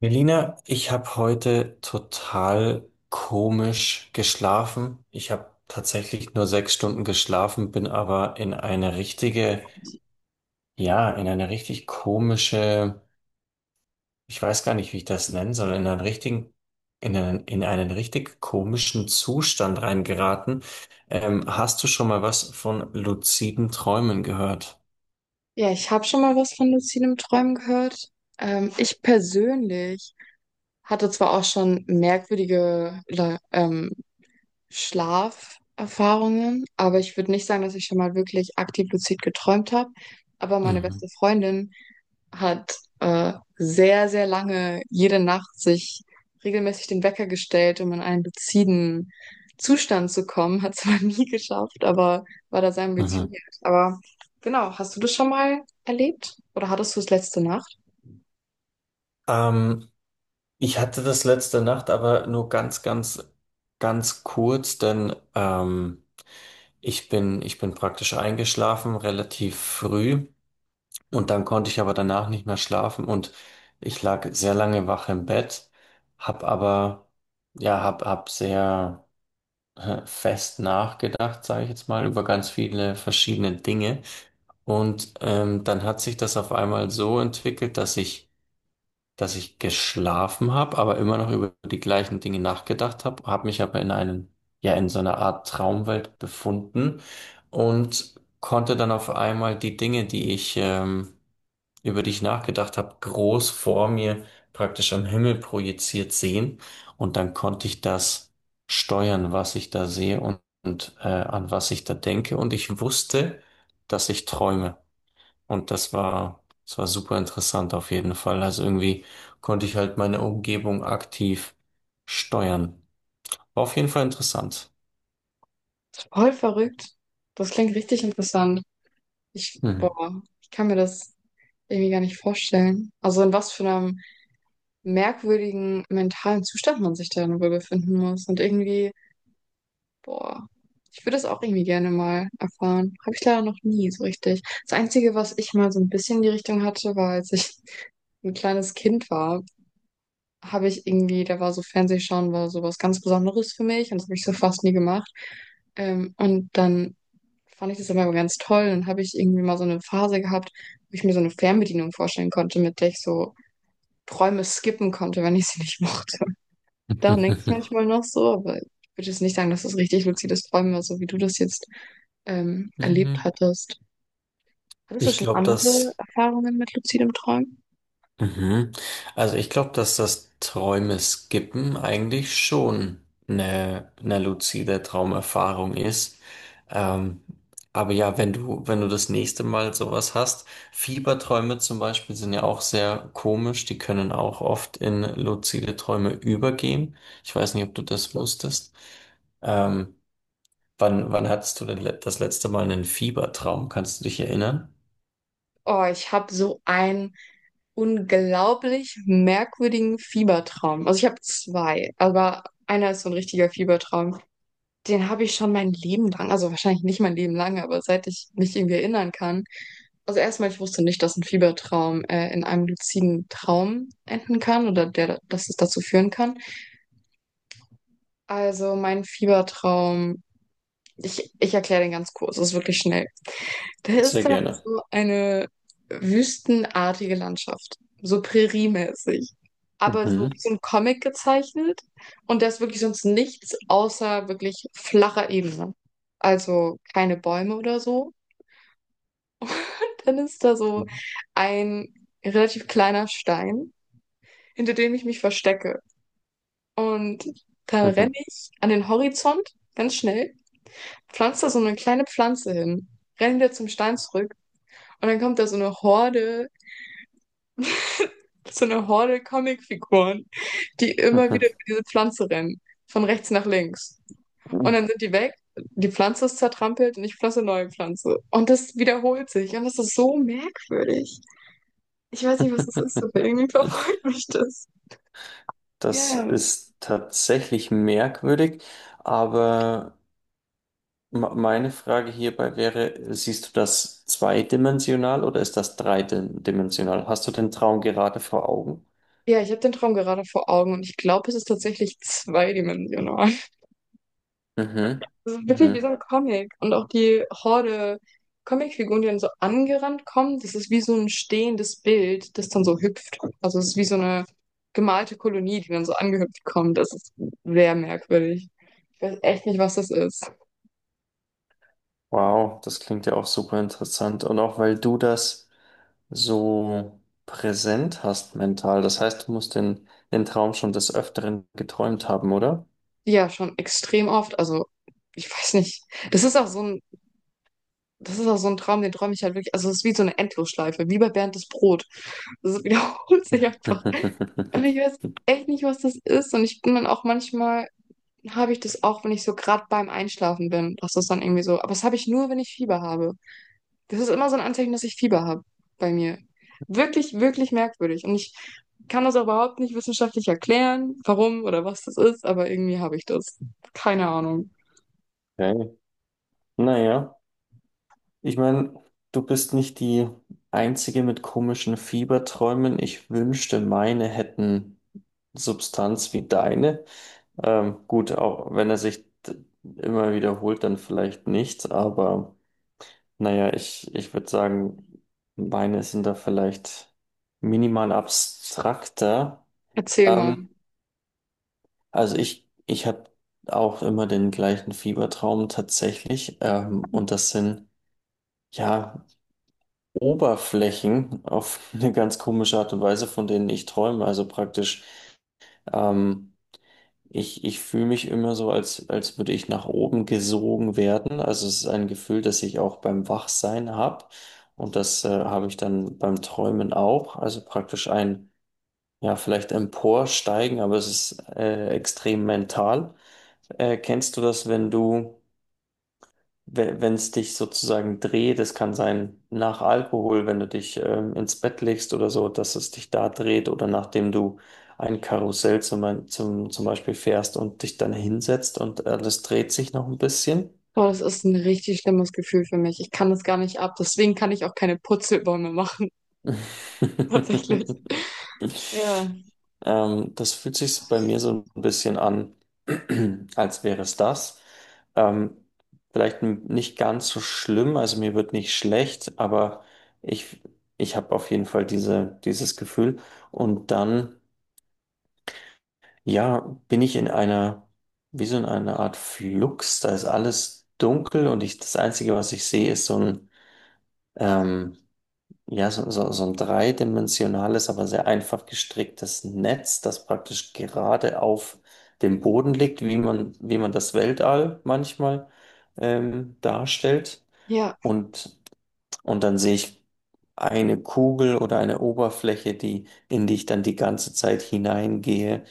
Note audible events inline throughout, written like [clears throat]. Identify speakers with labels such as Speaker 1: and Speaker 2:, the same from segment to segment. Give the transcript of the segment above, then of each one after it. Speaker 1: Melina, ich habe heute total komisch geschlafen. Ich habe tatsächlich nur 6 Stunden geschlafen, bin aber in eine richtig komische, ich weiß gar nicht, wie ich das nennen soll, in einen richtig komischen Zustand reingeraten. Hast du schon mal was von luziden Träumen gehört?
Speaker 2: Ja, ich habe schon mal was von luzidem Träumen gehört. Ich persönlich hatte zwar auch schon merkwürdige oder Schlaferfahrungen, aber ich würde nicht sagen, dass ich schon mal wirklich aktiv luzid geträumt habe. Aber meine
Speaker 1: Mhm.
Speaker 2: beste Freundin hat sehr, sehr lange jede Nacht sich regelmäßig den Wecker gestellt, um in einen luziden Zustand zu kommen. Hat zwar [laughs] nie geschafft, aber war da sehr
Speaker 1: Mhm.
Speaker 2: ambitioniert. Aber genau, hast du das schon mal erlebt? Oder hattest du es letzte Nacht?
Speaker 1: Ähm, Ich hatte das letzte Nacht, aber nur ganz kurz, denn ich bin praktisch eingeschlafen, relativ früh, und dann konnte ich aber danach nicht mehr schlafen und ich lag sehr lange wach im Bett, hab aber, ja, hab, hab sehr fest nachgedacht, sage ich jetzt mal, über ganz viele verschiedene Dinge. Und dann hat sich das auf einmal so entwickelt, dass ich geschlafen habe, aber immer noch über die gleichen Dinge nachgedacht habe, habe mich aber in einen, ja, in so einer Art Traumwelt befunden und konnte dann auf einmal die Dinge, über die ich nachgedacht habe, groß vor mir praktisch am Himmel projiziert sehen. Und dann konnte ich das steuern, was ich da sehe und an was ich da denke. Und ich wusste, dass ich träume. Und das war super interessant auf jeden Fall. Also irgendwie konnte ich halt meine Umgebung aktiv steuern. War auf jeden Fall interessant.
Speaker 2: Voll verrückt. Das klingt richtig interessant. Ich,
Speaker 1: Hm.
Speaker 2: boah, ich kann mir das irgendwie gar nicht vorstellen. Also in was für einem merkwürdigen mentalen Zustand man sich dann wohl befinden muss. Und irgendwie, boah, ich würde das auch irgendwie gerne mal erfahren. Habe ich leider noch nie so richtig. Das Einzige, was ich mal so ein bisschen in die Richtung hatte, war, als ich [laughs] ein kleines Kind war, habe ich irgendwie, da war so Fernsehschauen war so was ganz Besonderes für mich und das habe ich so fast nie gemacht. Und dann fand ich das immer ganz toll. Dann habe ich irgendwie mal so eine Phase gehabt, wo ich mir so eine Fernbedienung vorstellen konnte, mit der ich so Träume skippen konnte, wenn ich sie nicht [laughs] mochte. Daran denke ich
Speaker 1: [laughs]
Speaker 2: manchmal noch so, aber ich würde jetzt nicht sagen, dass das richtig luzides Träumen war, so wie du das jetzt erlebt hattest. Hattest du
Speaker 1: Ich
Speaker 2: schon
Speaker 1: glaube,
Speaker 2: andere
Speaker 1: das.
Speaker 2: Erfahrungen mit luzidem Träumen?
Speaker 1: Mhm. Also ich glaube, dass das Träume skippen eigentlich schon eine luzide Traumerfahrung ist. Ähm, aber ja, wenn du das nächste Mal sowas hast, Fieberträume zum Beispiel sind ja auch sehr komisch, die können auch oft in luzide Träume übergehen. Ich weiß nicht, ob du das wusstest. Ähm, wann hattest du denn das letzte Mal einen Fiebertraum? Kannst du dich erinnern?
Speaker 2: Oh, ich habe so einen unglaublich merkwürdigen Fiebertraum. Also ich habe zwei, aber einer ist so ein richtiger Fiebertraum. Den habe ich schon mein Leben lang, also wahrscheinlich nicht mein Leben lang, aber seit ich mich irgendwie erinnern kann. Also erstmal, ich wusste nicht, dass ein Fiebertraum in einem luziden Traum enden kann oder der, dass es dazu führen kann. Also mein Fiebertraum, ich erkläre den ganz kurz, es ist wirklich schnell. Das ist
Speaker 1: Sehr
Speaker 2: dann
Speaker 1: gerne.
Speaker 2: so eine wüstenartige Landschaft, so präriemäßig, aber so
Speaker 1: Mhm.
Speaker 2: wie so ein Comic gezeichnet, und da ist wirklich sonst nichts außer wirklich flacher Ebene. Also keine Bäume oder so. Dann ist da so ein relativ kleiner Stein, hinter dem ich mich verstecke. Und dann renne ich an den Horizont ganz schnell, pflanze da so eine kleine Pflanze hin, renne wieder zum Stein zurück, und dann kommt da so eine Horde Comicfiguren, die immer wieder über diese Pflanze rennen, von rechts nach links. Und dann
Speaker 1: [laughs]
Speaker 2: sind die weg, die Pflanze ist zertrampelt und ich pflanze neue Pflanze. Und das wiederholt sich und das ist so merkwürdig. Ich weiß nicht, was das ist, aber irgendwie verfolgt mich das.
Speaker 1: Das
Speaker 2: Ja,
Speaker 1: ist tatsächlich merkwürdig, aber meine Frage hierbei wäre, siehst du das zweidimensional oder ist das dreidimensional? Hast du den Traum gerade vor Augen?
Speaker 2: ja, ich habe den Traum gerade vor Augen und ich glaube, es ist tatsächlich zweidimensional.
Speaker 1: Mhm.
Speaker 2: Das ist wirklich wie so
Speaker 1: Mhm.
Speaker 2: ein Comic. Und auch die Horde Comicfiguren, die dann so angerannt kommen, das ist wie so ein stehendes Bild, das dann so hüpft. Also es ist wie so eine gemalte Kolonie, die dann so angehüpft kommt. Das ist sehr merkwürdig. Ich weiß echt nicht, was das ist.
Speaker 1: Wow, das klingt ja auch super interessant. Und auch weil du das so präsent hast mental, das heißt, du musst den Traum schon des Öfteren geträumt haben, oder?
Speaker 2: Ja, schon extrem oft. Also ich weiß nicht. Das ist auch so ein, das ist auch so ein Traum, den träume ich halt wirklich. Also es ist wie so eine Endlosschleife, wie bei Bernd das Brot. Das [laughs] wiederholt sich einfach.
Speaker 1: [laughs]
Speaker 2: Und ich weiß echt nicht, was das ist. Und ich bin dann auch manchmal, habe ich das auch, wenn ich so gerade beim Einschlafen bin, dass das dann irgendwie so. Aber das habe ich nur, wenn ich Fieber habe. Das ist immer so ein Anzeichen, dass ich Fieber habe bei mir. Wirklich, wirklich merkwürdig. Und ich kann das auch überhaupt nicht wissenschaftlich erklären, warum oder was das ist, aber irgendwie habe ich das. Keine Ahnung.
Speaker 1: Okay. Naja. Ich meine, du bist nicht die Einzige mit komischen Fieberträumen. Ich wünschte, meine hätten Substanz wie deine. Gut, auch wenn er sich immer wiederholt, dann vielleicht nicht. Aber naja, ich würde sagen, meine sind da vielleicht minimal abstrakter.
Speaker 2: Erzähl mal.
Speaker 1: Ähm, also ich habe auch immer den gleichen Fiebertraum tatsächlich. Und das sind, ja. Oberflächen auf [laughs] eine ganz komische Art und Weise, von denen ich träume. Also praktisch, ähm, ich fühle mich immer so, als würde ich nach oben gesogen werden. Also es ist ein Gefühl, das ich auch beim Wachsein habe. Und das habe ich dann beim Träumen auch. Also praktisch ein, ja, vielleicht emporsteigen, aber es ist, extrem mental. Kennst du das, wenn du wenn es dich sozusagen dreht, es kann sein nach Alkohol, wenn du dich ins Bett legst oder so, dass es dich da dreht oder nachdem du ein Karussell zum Beispiel fährst und dich dann hinsetzt und alles dreht sich noch ein bisschen.
Speaker 2: Boah, das ist ein richtig schlimmes Gefühl für mich. Ich kann das gar nicht ab. Deswegen kann ich auch keine Purzelbäume machen, [laughs] tatsächlich.
Speaker 1: [laughs]
Speaker 2: Ja.
Speaker 1: Das fühlt sich bei mir so ein bisschen an, [clears throat] als wäre es das. Ähm, vielleicht nicht ganz so schlimm, also mir wird nicht schlecht, aber ich, ich habe auf jeden Fall dieses Gefühl. Und dann, ja, bin ich in einer, wie so in einer Art Flux, da ist alles dunkel und ich, das Einzige, was ich sehe, ist so ein, ähm, so ein dreidimensionales, aber sehr einfach gestricktes Netz, das praktisch gerade auf dem Boden liegt, wie man das Weltall manchmal darstellt.
Speaker 2: Ja,
Speaker 1: Und und dann sehe ich eine Kugel oder eine Oberfläche, die, in die ich dann die ganze Zeit hineingehe,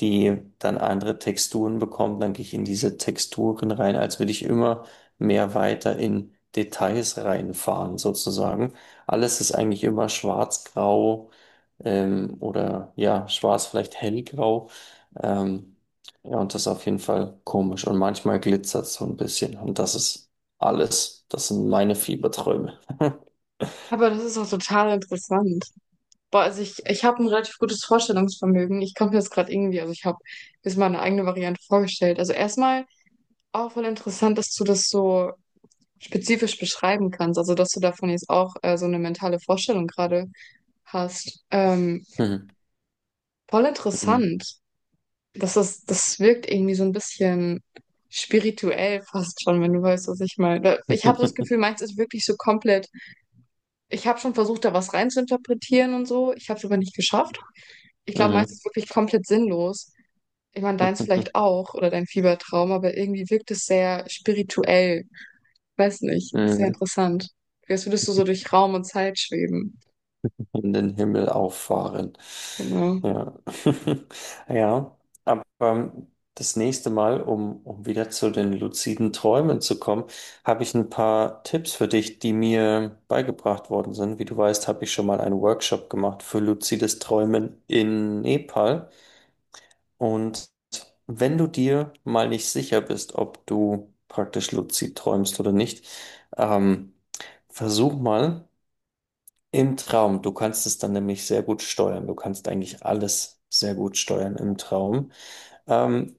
Speaker 1: die dann andere Texturen bekommt. Dann gehe ich in diese Texturen rein, als würde ich immer mehr weiter in Details reinfahren, sozusagen. Alles ist eigentlich immer schwarz-grau, oder ja, schwarz, vielleicht hellgrau. Ähm, ja, und das ist auf jeden Fall komisch. Und manchmal glitzert es so ein bisschen. Und das ist alles. Das sind meine Fieberträume.
Speaker 2: aber das ist auch total interessant. Boah, also ich habe ein relativ gutes Vorstellungsvermögen. Ich komme jetzt gerade irgendwie, also ich habe mir mal eine eigene Variante vorgestellt. Also erstmal auch voll interessant, dass du das so spezifisch beschreiben kannst. Also dass du davon jetzt auch so eine mentale Vorstellung gerade hast.
Speaker 1: Mhm.
Speaker 2: Voll interessant. Das ist, das wirkt irgendwie so ein bisschen spirituell fast schon, wenn du weißt, was ich meine. Da- Ich habe das Gefühl,
Speaker 1: [laughs]
Speaker 2: meins ist wirklich so komplett. Ich habe schon versucht, da was reinzuinterpretieren und so. Ich habe es aber nicht geschafft. Ich
Speaker 1: Mhm.
Speaker 2: glaube, meins
Speaker 1: Mhm.
Speaker 2: ist wirklich komplett sinnlos. Ich meine, deins vielleicht auch oder dein Fiebertraum, aber irgendwie wirkt es sehr spirituell. Weiß nicht, sehr interessant. Als würdest du so durch Raum und Zeit schweben.
Speaker 1: In den Himmel auffahren.
Speaker 2: Genau.
Speaker 1: Ja. [laughs] Ja, aber das nächste Mal, um wieder zu den luziden Träumen zu kommen, habe ich ein paar Tipps für dich, die mir beigebracht worden sind. Wie du weißt, habe ich schon mal einen Workshop gemacht für luzides Träumen in Nepal. Und wenn du dir mal nicht sicher bist, ob du praktisch luzid träumst oder nicht, ähm, versuch mal im Traum. Du kannst es dann nämlich sehr gut steuern. Du kannst eigentlich alles sehr gut steuern im Traum. Ähm,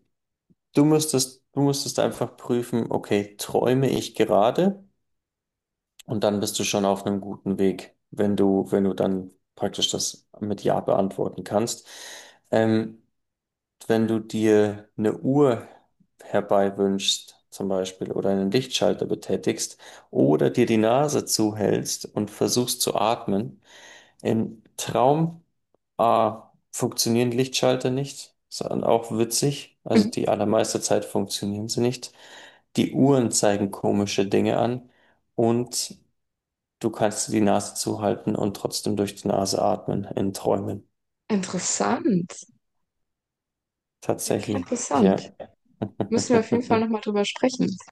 Speaker 1: du müsstest einfach prüfen, okay, träume ich gerade? Und dann bist du schon auf einem guten Weg, wenn du dann praktisch das mit Ja beantworten kannst. Ähm, wenn du dir eine Uhr herbeiwünschst, zum Beispiel, oder einen Lichtschalter betätigst, oder dir die Nase zuhältst und versuchst zu atmen, im Traum A, funktionieren Lichtschalter nicht, sondern auch witzig, also die
Speaker 2: [laughs]
Speaker 1: allermeiste Zeit funktionieren sie nicht. Die Uhren zeigen komische Dinge an und du kannst dir die Nase zuhalten und trotzdem durch die Nase atmen in Träumen.
Speaker 2: Interessant. Richtig
Speaker 1: Tatsächlich,
Speaker 2: interessant.
Speaker 1: ja.
Speaker 2: Müssen wir auf jeden Fall nochmal
Speaker 1: [laughs]
Speaker 2: drüber sprechen.